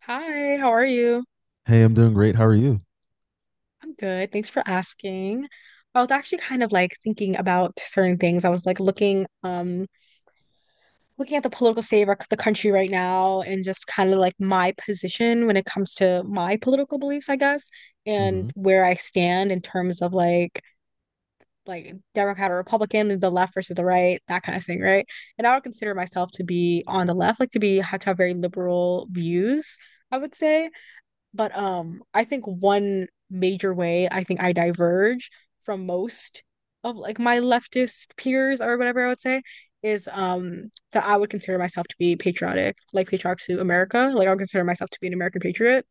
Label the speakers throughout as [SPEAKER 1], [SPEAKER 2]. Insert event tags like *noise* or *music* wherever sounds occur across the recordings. [SPEAKER 1] Hi, how are you?
[SPEAKER 2] Hey, I'm doing great. How are you?
[SPEAKER 1] I'm good. Thanks for asking. I was actually kind of like thinking about certain things. I was like looking, looking at the political state of our, the country right now, and just kind of like my position when it comes to my political beliefs, I guess, and
[SPEAKER 2] hmm
[SPEAKER 1] where I stand in terms of like Democrat or Republican, the left versus the right, that kind of thing, right? And I would consider myself to be on the left, like to be have to have very liberal views, I would say. But I think one major way I think I diverge from most of like my leftist peers or whatever I would say is that I would consider myself to be patriotic, like patriotic to America. Like I would consider myself to be an American patriot,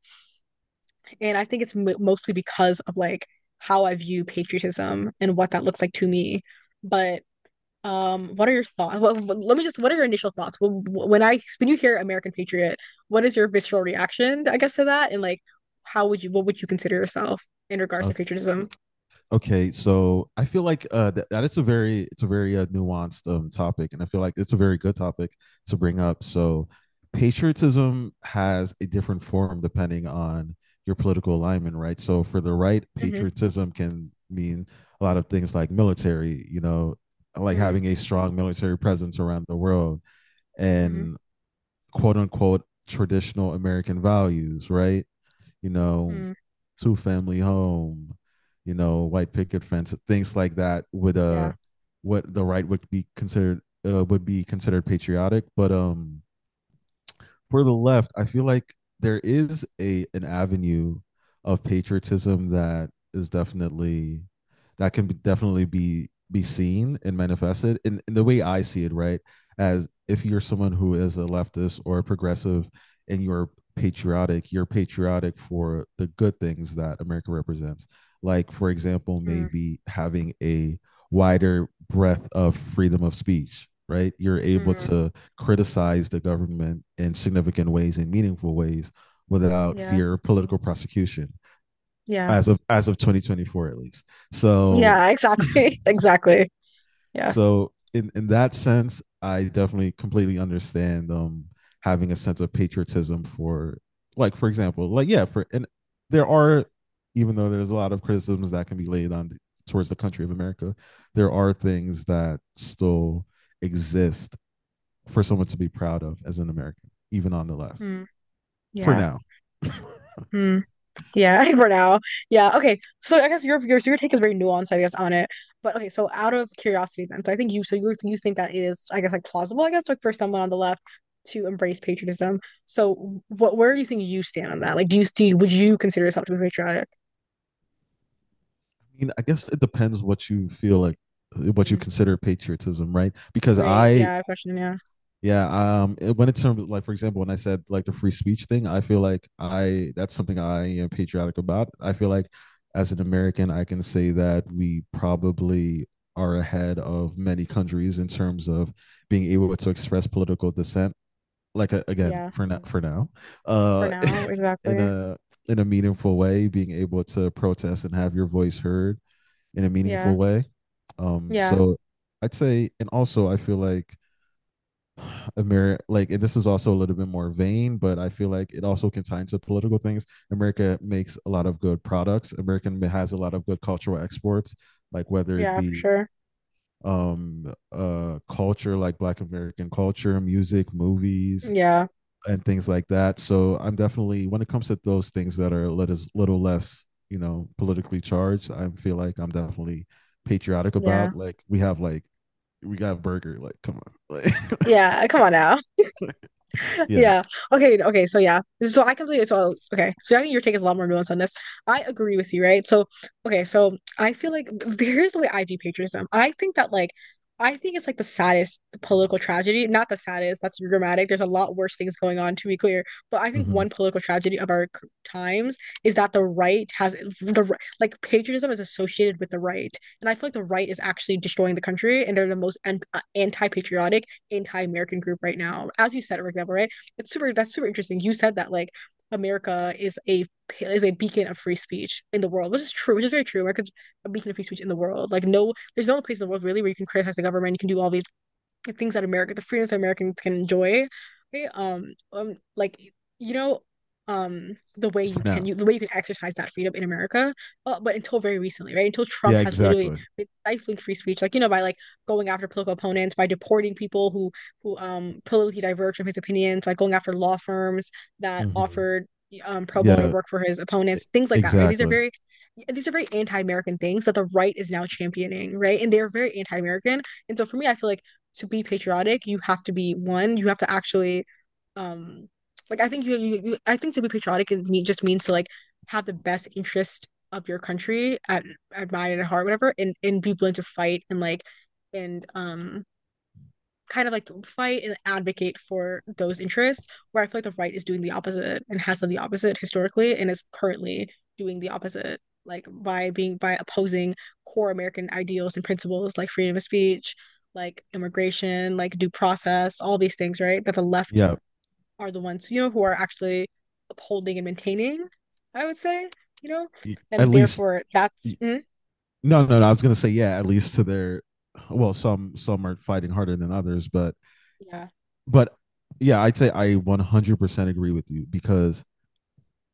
[SPEAKER 1] and I think it's m mostly because of like how I view patriotism and what that looks like to me. But what are your thoughts? *laughs* Let me just. What are your initial thoughts when I when you hear American Patriot? What is your visceral reaction, I guess, to that? And like, how would you? What would you consider yourself in regards to
[SPEAKER 2] Okay.
[SPEAKER 1] patriotism?
[SPEAKER 2] Okay, so I feel like that it's a very nuanced topic, and I feel like it's a very good topic to bring up. So, patriotism has a different form depending on your political alignment, right? So, for the right,
[SPEAKER 1] Mm-hmm.
[SPEAKER 2] patriotism can mean a lot of things like military, you know, like
[SPEAKER 1] Mm,
[SPEAKER 2] having a strong military presence around the world,
[SPEAKER 1] hmm
[SPEAKER 2] and quote unquote traditional American values, right? You know,
[SPEAKER 1] mm,
[SPEAKER 2] two family home, you know, white picket fence, things like that would uh
[SPEAKER 1] yeah.
[SPEAKER 2] what the right would be considered patriotic, but for the left, I feel like there is a an avenue of patriotism that is definitely be seen and manifested in the way I see it, right? As if you're someone who is a leftist or a progressive and you're patriotic for the good things that America represents. Like, for example,
[SPEAKER 1] Mm,
[SPEAKER 2] maybe having a wider breadth of freedom of speech, right? You're able
[SPEAKER 1] mm,
[SPEAKER 2] to criticize the government in significant ways and meaningful ways without
[SPEAKER 1] yeah.
[SPEAKER 2] fear of political prosecution
[SPEAKER 1] Yeah.
[SPEAKER 2] as of 2024, at least. So
[SPEAKER 1] Yeah. Exactly. *laughs* Exactly. Yeah.
[SPEAKER 2] so in that sense I definitely completely understand having a sense of patriotism for, like, for example, like, yeah, for, and there are, even though there's a lot of criticisms that can be laid on towards the country of America, there are things that still exist for someone to be proud of as an American, even on the left,
[SPEAKER 1] Mm,
[SPEAKER 2] for
[SPEAKER 1] yeah.
[SPEAKER 2] now. I
[SPEAKER 1] Mm. Yeah, *laughs* for now. Yeah. Okay. So I guess your so your take is very nuanced, I guess, on it. But okay, so out of curiosity then. So I think you so you think that it is, I guess, like plausible, I guess, like for someone on the left to embrace patriotism. So what where do you think you stand on that? Like do you see would you consider yourself to be patriotic?
[SPEAKER 2] mean, I guess it depends what you feel like,
[SPEAKER 1] I
[SPEAKER 2] what you
[SPEAKER 1] mean,
[SPEAKER 2] consider patriotism, right? Because
[SPEAKER 1] great. Yeah, question. Yeah.
[SPEAKER 2] when like, for example, when I said like the free speech thing, I feel like I that's something I am patriotic about. I feel like as an American I can say that we probably are ahead of many countries in terms of being able to express political dissent, like, again,
[SPEAKER 1] Yeah.
[SPEAKER 2] for now, for now,
[SPEAKER 1] For
[SPEAKER 2] uh
[SPEAKER 1] now,
[SPEAKER 2] *laughs* in
[SPEAKER 1] exactly.
[SPEAKER 2] a in a meaningful way, being able to protest and have your voice heard in a
[SPEAKER 1] Yeah.
[SPEAKER 2] meaningful way. um
[SPEAKER 1] Yeah.
[SPEAKER 2] so I'd say, and also I feel like America, like, and this is also a little bit more vain, but I feel like it also can tie into political things. America makes a lot of good products. America has a lot of good cultural exports, like whether it
[SPEAKER 1] Yeah, for
[SPEAKER 2] be
[SPEAKER 1] sure.
[SPEAKER 2] culture, like black American culture, music, movies,
[SPEAKER 1] Yeah.
[SPEAKER 2] and things like that. So I'm definitely, when it comes to those things that are a little less, you know, politically charged, I feel like I'm definitely patriotic
[SPEAKER 1] Yeah.
[SPEAKER 2] about, like, we have like, we got a burger, like, come on, like,
[SPEAKER 1] Yeah. Come on now.
[SPEAKER 2] *laughs* yeah.
[SPEAKER 1] Yeah. Okay. Okay. So yeah. So I completely. So okay. So I think your take is a lot more nuanced on this. I agree with you, right? So okay. So I feel like here's the way I view patriotism. I think that like, I think it's like the saddest political tragedy. Not the saddest. That's dramatic. There's a lot worse things going on. To be clear, but I think
[SPEAKER 2] Mhm.
[SPEAKER 1] one political tragedy of our times is that the right has like patriotism is associated with the right, and I feel like the right is actually destroying the country, and they're the most anti-patriotic anti-American group right now. As you said, for example, right? it's super that's super interesting. You said that like America is a beacon of free speech in the world, which is true, which is very true. America's a beacon of free speech in the world. Like no, there's no place in the world really where you can criticize the government, you can do all these things that America, the freedoms that Americans can enjoy, right? Like you know, um, the way you
[SPEAKER 2] For
[SPEAKER 1] can,
[SPEAKER 2] now.
[SPEAKER 1] you the way you can exercise that freedom in America, but until very recently, right? Until Trump
[SPEAKER 2] Yeah,
[SPEAKER 1] has literally
[SPEAKER 2] exactly.
[SPEAKER 1] been stifling free speech, like you know, by like going after political opponents, by deporting people who politically diverge from his opinions, by going after law firms that
[SPEAKER 2] Mhm.
[SPEAKER 1] offered pro bono
[SPEAKER 2] Yeah,
[SPEAKER 1] work for his
[SPEAKER 2] e-
[SPEAKER 1] opponents, things like that, right?
[SPEAKER 2] exactly.
[SPEAKER 1] These are very anti-American things that the right is now championing, right? And they're very anti-American, and so for me I feel like to be patriotic, you have to be one, you have to actually um like I think you, you, you I think to be patriotic is me just means to like have the best interest of your country at mind and at heart, whatever, and be willing to fight and like and kind of like fight and advocate for those interests, where I feel like the right is doing the opposite and has done the opposite historically and is currently doing the opposite, like by being by opposing core American ideals and principles like freedom of speech, like immigration, like due process, all these things, right? That the left
[SPEAKER 2] Yeah,
[SPEAKER 1] are the ones, you know, who are actually upholding and maintaining, I would say, you know,
[SPEAKER 2] at
[SPEAKER 1] and
[SPEAKER 2] least.
[SPEAKER 1] therefore that's
[SPEAKER 2] y- No, no, no. I was gonna say yeah, at least to their. Well, some are fighting harder than others, but
[SPEAKER 1] yeah,
[SPEAKER 2] but yeah, I'd say I 100% agree with you because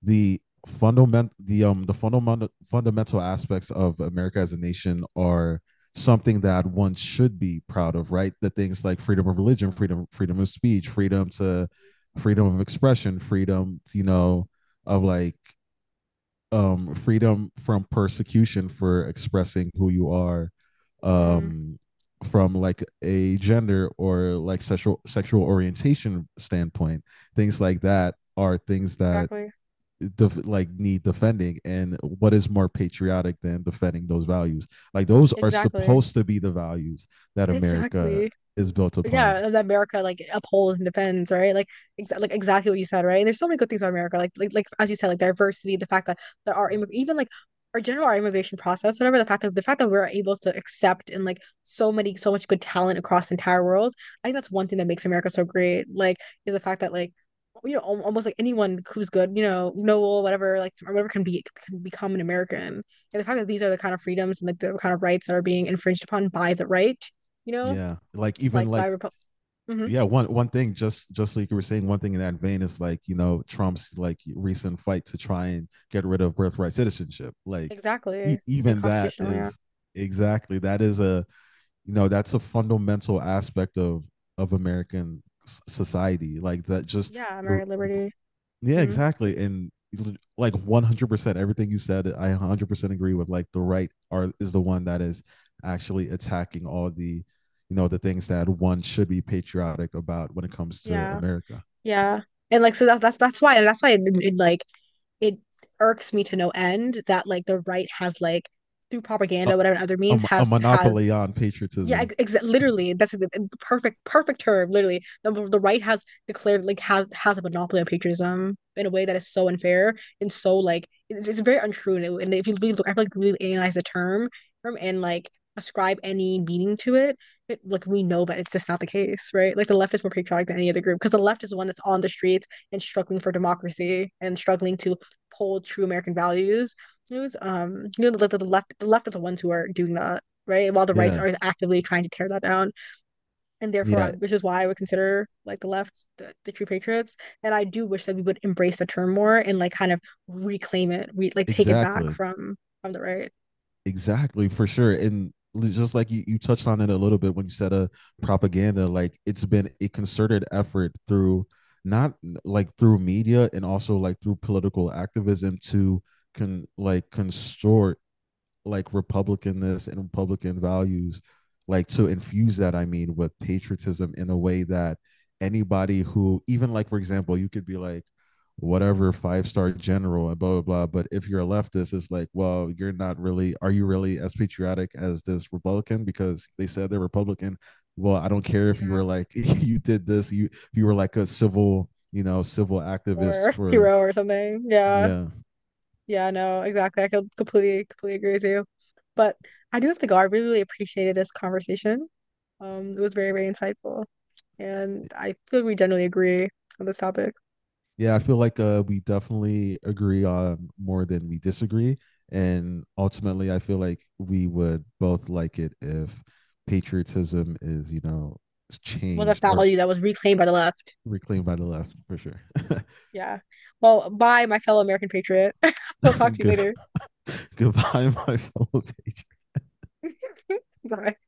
[SPEAKER 2] the the fundamental aspects of America as a nation are something that one should be proud of, right? The things like freedom of religion, freedom of speech, freedom of expression, freedom to, you know, of like freedom from persecution for expressing who you are,
[SPEAKER 1] mm,
[SPEAKER 2] um from like a gender or like sexual orientation standpoint. Things like that are things that
[SPEAKER 1] exactly,
[SPEAKER 2] like need defending, and what is more patriotic than defending those values? Like those are
[SPEAKER 1] exactly,
[SPEAKER 2] supposed to be the values that America
[SPEAKER 1] exactly.
[SPEAKER 2] is built upon.
[SPEAKER 1] Yeah, that America like upholds and defends, right? Like, exa like exactly what you said, right? And there's so many good things about America, like like as you said, like diversity, the fact that there are even like our immigration process, whatever. The fact that we're able to accept and like so many so much good talent across the entire world, I think that's one thing that makes America so great. Like, is the fact that like you know almost like anyone who's good, you know, noble, whatever, like or whatever can become an American. And the fact that these are the kind of freedoms and like the kind of rights that are being infringed upon by the right, you know
[SPEAKER 2] Yeah, like even
[SPEAKER 1] like by
[SPEAKER 2] like
[SPEAKER 1] Hmm.
[SPEAKER 2] yeah, one thing, just like you were saying, one thing in that vein is, like, you know, Trump's like recent fight to try and get rid of birthright citizenship, like
[SPEAKER 1] Exactly. And
[SPEAKER 2] even that
[SPEAKER 1] constitutional, yeah.
[SPEAKER 2] is exactly, that is a, you know, that's a fundamental aspect of American society, like that just
[SPEAKER 1] Yeah,
[SPEAKER 2] the,
[SPEAKER 1] American liberty.
[SPEAKER 2] yeah,
[SPEAKER 1] Hmm.
[SPEAKER 2] exactly. And like 100% everything you said, I 100% agree with. Like the right are is the one that is actually attacking all the, you know, the things that one should be patriotic about when it comes to
[SPEAKER 1] Yeah.
[SPEAKER 2] America.
[SPEAKER 1] Yeah. And like so that's that's why and that's why it, it like it irks me to no end that like the right has like through
[SPEAKER 2] A,
[SPEAKER 1] propaganda, whatever other
[SPEAKER 2] a,
[SPEAKER 1] means
[SPEAKER 2] a monopoly
[SPEAKER 1] has
[SPEAKER 2] on
[SPEAKER 1] yeah,
[SPEAKER 2] patriotism.
[SPEAKER 1] literally, that's the perfect term. Literally, the right has declared like has a monopoly on patriotism in a way that is so unfair and so like it's very untrue. And, it, and if you really look, I feel like really analyze the term and like ascribe any meaning to it, it, like we know that it's just not the case, right? Like the left is more patriotic than any other group because the left is the one that's on the streets and struggling for democracy and struggling to hold true American values. It was you know the left are the ones who are doing that, right? While the rights
[SPEAKER 2] Yeah.
[SPEAKER 1] are actively trying to tear that down. And therefore,
[SPEAKER 2] Yeah,
[SPEAKER 1] which is why I would consider like the left the true patriots. And I do wish that we would embrace the term more and like kind of reclaim it, like take it back
[SPEAKER 2] exactly.
[SPEAKER 1] from the right.
[SPEAKER 2] Exactly, for sure. And just like you touched on it a little bit when you said propaganda. Like, it's been a concerted effort through not n- like through media and also like through political activism to con like constort like republicanness and republican values, like, to infuse that, I mean, with patriotism in a way that anybody who, even, like, for example, you could be like whatever five-star general and blah blah blah, but if you're a leftist it's like, well, you're not really, are you really as patriotic as this republican because they said they're republican? Well, I don't care if you
[SPEAKER 1] Yeah.
[SPEAKER 2] were like *laughs* you did this, you, if you were like a civil, you know, civil activist
[SPEAKER 1] Or *laughs*
[SPEAKER 2] for,
[SPEAKER 1] hero or something. Yeah.
[SPEAKER 2] yeah.
[SPEAKER 1] Yeah, no, exactly. I could completely, completely agree with you. But I do have to go. I really, really appreciated this conversation. It was very, very insightful. And I feel like we generally agree on this topic.
[SPEAKER 2] Yeah, I feel like we definitely agree on more than we disagree, and ultimately, I feel like we would both like it if patriotism is, you know,
[SPEAKER 1] Was a
[SPEAKER 2] changed or
[SPEAKER 1] fallacy that was reclaimed by the left.
[SPEAKER 2] reclaimed by the left, for sure.
[SPEAKER 1] Yeah. Well, bye, my fellow American patriot. *laughs* We'll talk to
[SPEAKER 2] *laughs*
[SPEAKER 1] you
[SPEAKER 2] Good,
[SPEAKER 1] later.
[SPEAKER 2] *laughs* goodbye, my fellow patriots.
[SPEAKER 1] *laughs* Bye.